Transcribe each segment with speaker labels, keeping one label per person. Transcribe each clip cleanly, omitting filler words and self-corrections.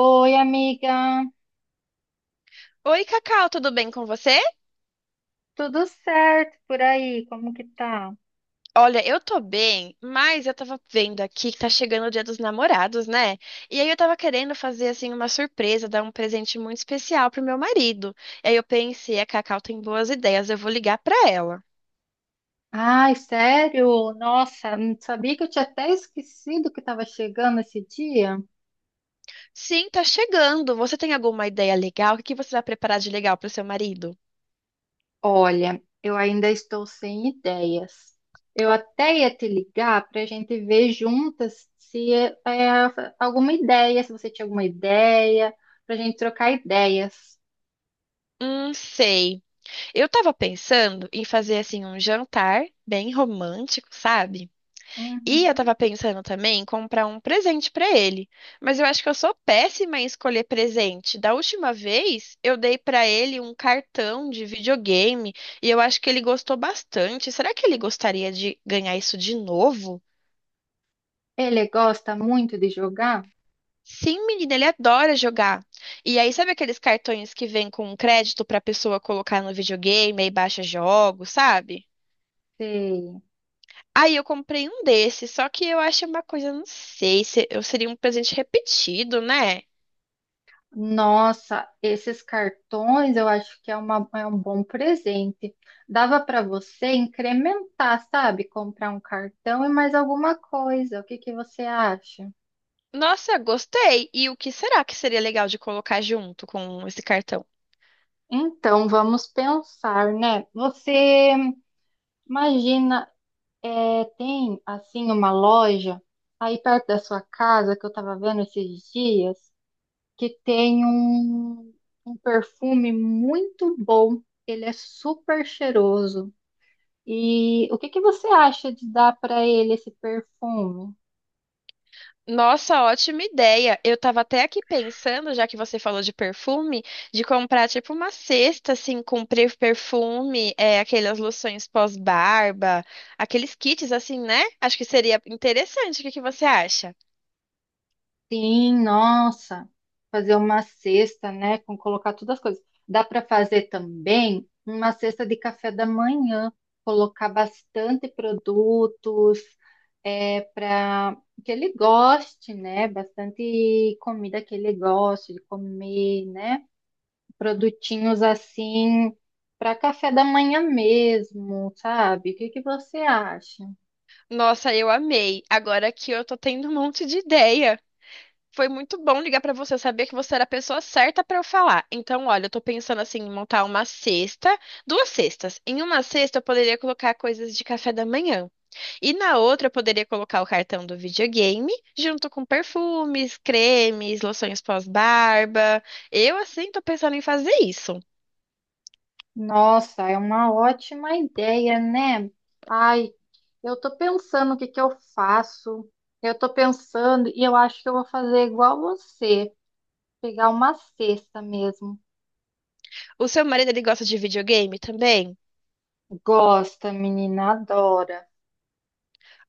Speaker 1: Oi, amiga.
Speaker 2: Oi, Cacau, tudo bem com você?
Speaker 1: Tudo certo por aí? Como que tá?
Speaker 2: Olha, eu tô bem, mas eu tava vendo aqui que tá chegando o Dia dos Namorados, né? E aí eu tava querendo fazer assim uma surpresa, dar um presente muito especial pro meu marido. E aí eu pensei, a Cacau tem boas ideias, eu vou ligar pra ela.
Speaker 1: Ai, sério? Nossa, não sabia que eu tinha até esquecido que estava chegando esse dia?
Speaker 2: Sim, tá chegando. Você tem alguma ideia legal? O que que você vai preparar de legal pro seu marido?
Speaker 1: Olha, eu ainda estou sem ideias. Eu até ia te ligar para a gente ver juntas se alguma ideia, se você tinha alguma ideia, para a gente trocar ideias.
Speaker 2: Sei. Eu tava pensando em fazer assim um jantar bem romântico, sabe? E eu
Speaker 1: Uhum.
Speaker 2: tava pensando também em comprar um presente pra ele. Mas eu acho que eu sou péssima em escolher presente. Da última vez, eu dei pra ele um cartão de videogame e eu acho que ele gostou bastante. Será que ele gostaria de ganhar isso de novo?
Speaker 1: Ele gosta muito de jogar?
Speaker 2: Sim, menina, ele adora jogar. E aí, sabe aqueles cartões que vêm com um crédito pra pessoa colocar no videogame e baixa jogos, sabe?
Speaker 1: Sei.
Speaker 2: Aí eu comprei um desses, só que eu acho uma coisa, não sei, se eu seria um presente repetido, né?
Speaker 1: Nossa, esses cartões eu acho que é um bom presente. Dava para você incrementar, sabe? Comprar um cartão e mais alguma coisa. O que que você acha?
Speaker 2: Nossa, gostei. E o que será que seria legal de colocar junto com esse cartão?
Speaker 1: Então, vamos pensar, né? Você imagina, é, tem assim uma loja aí perto da sua casa que eu estava vendo esses dias que tem um perfume muito bom. Ele é super cheiroso. E o que que você acha de dar para ele esse perfume?
Speaker 2: Nossa, ótima ideia. Eu tava até aqui pensando, já que você falou de perfume, de comprar tipo uma cesta assim com perfume, aquelas loções pós-barba, aqueles kits assim, né? Acho que seria interessante. O que que você acha?
Speaker 1: Sim, nossa, fazer uma cesta, né, com colocar todas as coisas. Dá para fazer também uma cesta de café da manhã, colocar bastante produtos para que ele goste, né, bastante comida que ele goste de comer, né, produtinhos assim para café da manhã mesmo, sabe? O que que você acha?
Speaker 2: Nossa, eu amei. Agora que eu tô tendo um monte de ideia. Foi muito bom ligar pra você, eu sabia que você era a pessoa certa pra eu falar. Então, olha, eu tô pensando assim em montar uma cesta, duas cestas. Em uma cesta eu poderia colocar coisas de café da manhã. E na outra eu poderia colocar o cartão do videogame junto com perfumes, cremes, loções pós-barba. Eu assim tô pensando em fazer isso.
Speaker 1: Nossa, é uma ótima ideia, né? Ai, eu tô pensando o que que eu faço. Eu tô pensando e eu acho que eu vou fazer igual você, pegar uma cesta mesmo.
Speaker 2: O seu marido ele gosta de videogame também?
Speaker 1: Gosta, menina, adora.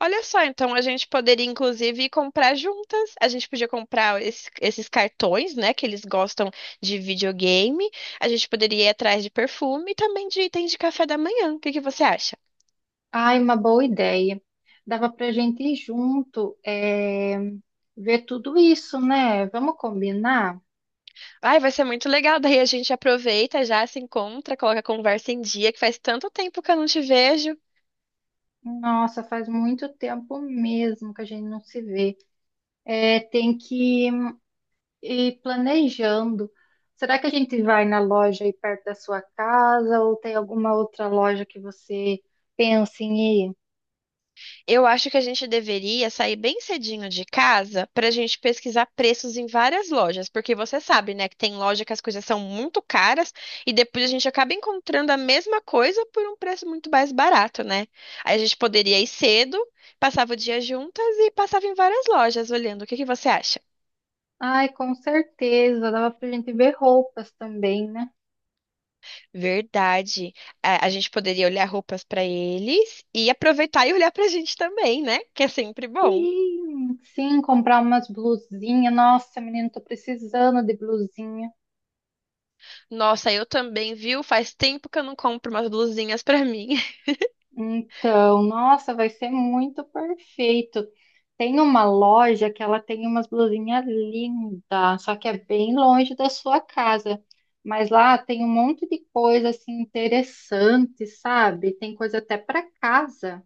Speaker 2: Olha só, então a gente poderia inclusive comprar juntas. A gente podia comprar esses cartões, né, que eles gostam de videogame. A gente poderia ir atrás de perfume e também de itens de café da manhã. O que que você acha?
Speaker 1: Ai, uma boa ideia. Dava pra gente ir junto, ver tudo isso, né? Vamos combinar?
Speaker 2: Ai, vai ser muito legal. Daí a gente aproveita, já se encontra, coloca a conversa em dia, que faz tanto tempo que eu não te vejo.
Speaker 1: Nossa, faz muito tempo mesmo que a gente não se vê. É, tem que E planejando, será que a gente vai na loja aí perto da sua casa ou tem alguma outra loja que você pensa em ir?
Speaker 2: Eu acho que a gente deveria sair bem cedinho de casa para a gente pesquisar preços em várias lojas, porque você sabe, né, que tem loja que as coisas são muito caras e depois a gente acaba encontrando a mesma coisa por um preço muito mais barato, né? Aí a gente poderia ir cedo, passava o dia juntas e passava em várias lojas olhando. O que que você acha?
Speaker 1: Ai, com certeza, dava pra gente ver roupas também, né?
Speaker 2: Verdade. A gente poderia olhar roupas para eles e aproveitar e olhar para a gente também, né? Que é sempre bom.
Speaker 1: Sim, sim, comprar umas blusinhas. Nossa, menino, tô precisando de blusinha.
Speaker 2: Nossa, eu também, viu? Faz tempo que eu não compro umas blusinhas pra mim.
Speaker 1: Então, nossa, vai ser muito perfeito. Tem uma loja que ela tem umas blusinhas lindas, só que é bem longe da sua casa. Mas lá tem um monte de coisa assim interessante, sabe? Tem coisa até para casa.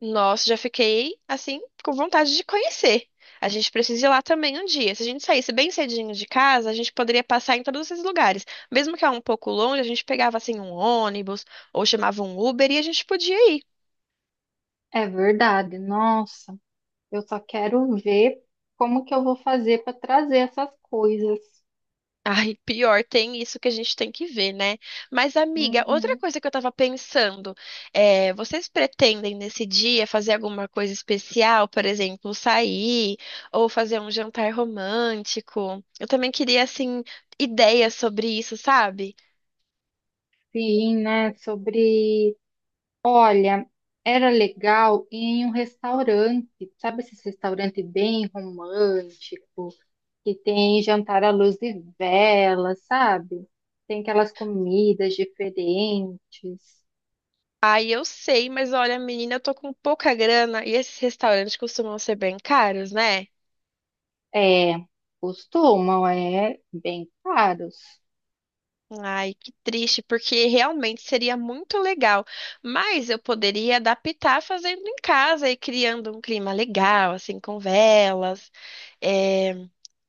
Speaker 2: Nossa, já fiquei assim com vontade de conhecer. A gente precisa ir lá também um dia. Se a gente saísse bem cedinho de casa, a gente poderia passar em todos esses lugares. Mesmo que é um pouco longe, a gente pegava assim um ônibus ou chamava um Uber e a gente podia ir.
Speaker 1: É verdade. Nossa, eu só quero ver como que eu vou fazer para trazer essas coisas.
Speaker 2: Ai, pior, tem isso que a gente tem que ver, né? Mas, amiga, outra
Speaker 1: Uhum.
Speaker 2: coisa que eu tava pensando, vocês pretendem nesse dia fazer alguma coisa especial, por exemplo, sair ou fazer um jantar romântico? Eu também queria, assim, ideias sobre isso, sabe?
Speaker 1: Sim, né? Sobre Olha, era legal ir em um restaurante, sabe esse restaurante bem romântico, que tem jantar à luz de vela, sabe? Tem aquelas comidas diferentes.
Speaker 2: Ai, eu sei, mas olha, menina, eu tô com pouca grana e esses restaurantes costumam ser bem caros, né?
Speaker 1: É, costumam, bem caros.
Speaker 2: Ai, que triste, porque realmente seria muito legal. Mas eu poderia adaptar fazendo em casa e criando um clima legal, assim, com velas. É,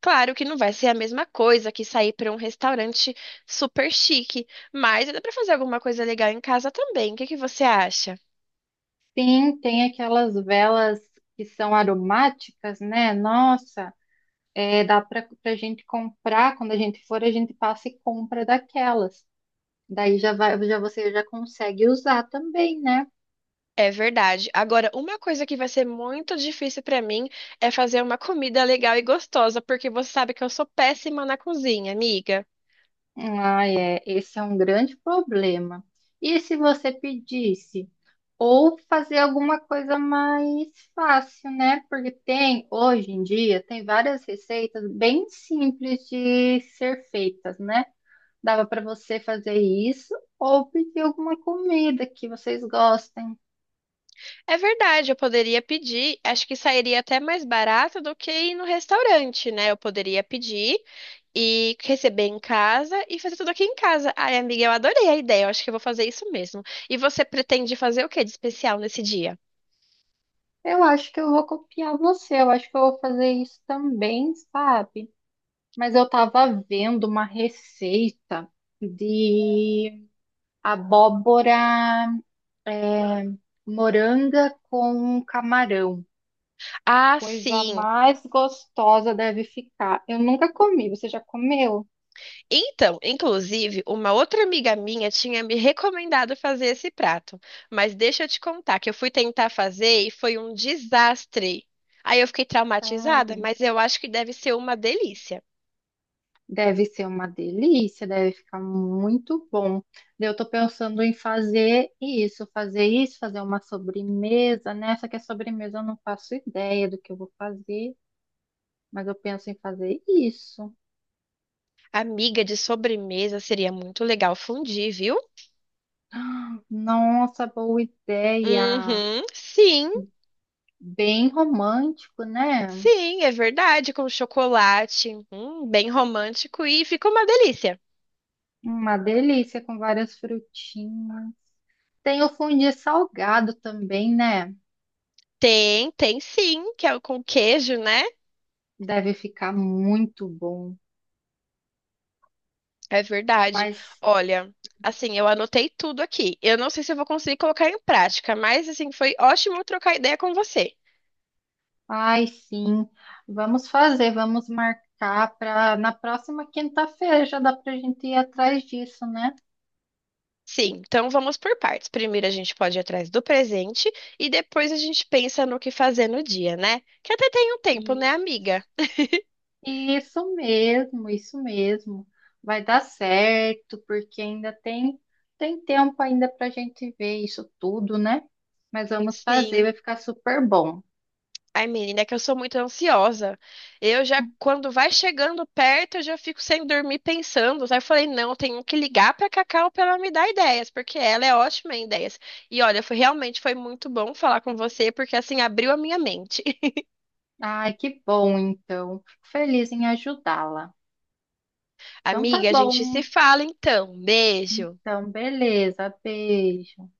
Speaker 2: Claro que não vai ser a mesma coisa que sair para um restaurante super chique, mas dá para fazer alguma coisa legal em casa também. O que que você acha?
Speaker 1: Sim, tem aquelas velas que são aromáticas, né? Nossa, dá para a gente comprar, quando a gente for, a gente passa e compra daquelas. Daí já vai, já você já consegue usar também, né?
Speaker 2: É verdade. Agora, uma coisa que vai ser muito difícil para mim é fazer uma comida legal e gostosa, porque você sabe que eu sou péssima na cozinha, amiga.
Speaker 1: Ah, é, esse é um grande problema. E se você pedisse ou fazer alguma coisa mais fácil, né? Porque tem, hoje em dia, tem várias receitas bem simples de ser feitas, né? Dava para você fazer isso ou pedir alguma comida que vocês gostem.
Speaker 2: É verdade, eu poderia pedir, acho que sairia até mais barato do que ir no restaurante, né? Eu poderia pedir e receber em casa e fazer tudo aqui em casa. Ai, amiga, eu adorei a ideia, eu acho que eu vou fazer isso mesmo. E você pretende fazer o que de especial nesse dia?
Speaker 1: Eu acho que eu vou copiar você, eu acho que eu vou fazer isso também, sabe? Mas eu estava vendo uma receita de abóbora eh, moranga com camarão.
Speaker 2: Ah,
Speaker 1: Coisa
Speaker 2: sim.
Speaker 1: mais gostosa deve ficar. Eu nunca comi, você já comeu?
Speaker 2: Então, inclusive, uma outra amiga minha tinha me recomendado fazer esse prato, mas deixa eu te contar que eu fui tentar fazer e foi um desastre. Aí eu fiquei traumatizada,
Speaker 1: Sério.
Speaker 2: mas eu acho que deve ser uma delícia.
Speaker 1: Deve ser uma delícia, deve ficar muito bom. Eu tô pensando em fazer isso, fazer uma sobremesa, né? Só que a sobremesa eu não faço ideia do que eu vou fazer, mas eu penso em fazer isso.
Speaker 2: Amiga de sobremesa seria muito legal fundir, viu?
Speaker 1: Nossa, boa ideia.
Speaker 2: Uhum, sim,
Speaker 1: Bem romântico, né?
Speaker 2: sim, é verdade, com chocolate, bem romântico e fica uma delícia.
Speaker 1: Uma delícia com várias frutinhas. Tem o fondue salgado também, né?
Speaker 2: Tem, tem sim, que é o com queijo, né?
Speaker 1: Deve ficar muito bom.
Speaker 2: É verdade.
Speaker 1: Mas,
Speaker 2: Olha, assim, eu anotei tudo aqui. Eu não sei se eu vou conseguir colocar em prática, mas assim, foi ótimo trocar ideia com você.
Speaker 1: ai, sim. Vamos fazer, vamos marcar para na próxima quinta-feira. Já dá para a gente ir atrás disso, né?
Speaker 2: Sim, então vamos por partes. Primeiro a gente pode ir atrás do presente e depois a gente pensa no que fazer no dia, né? Que até tem um tempo, né, amiga?
Speaker 1: Isso mesmo, isso mesmo. Vai dar certo, porque ainda tem tempo ainda para a gente ver isso tudo, né? Mas vamos fazer,
Speaker 2: Sim.
Speaker 1: vai ficar super bom.
Speaker 2: Ai, menina, é que eu sou muito ansiosa. Eu já, quando vai chegando perto, eu já fico sem dormir pensando. Aí eu falei, não, eu tenho que ligar pra Cacau pra ela me dar ideias, porque ela é ótima em ideias. E olha, foi realmente foi muito bom falar com você, porque assim abriu a minha mente.
Speaker 1: Ai, que bom, então. Fico feliz em ajudá-la. Então tá
Speaker 2: Amiga, a gente se
Speaker 1: bom.
Speaker 2: fala então. Beijo.
Speaker 1: Então, beleza. Beijo.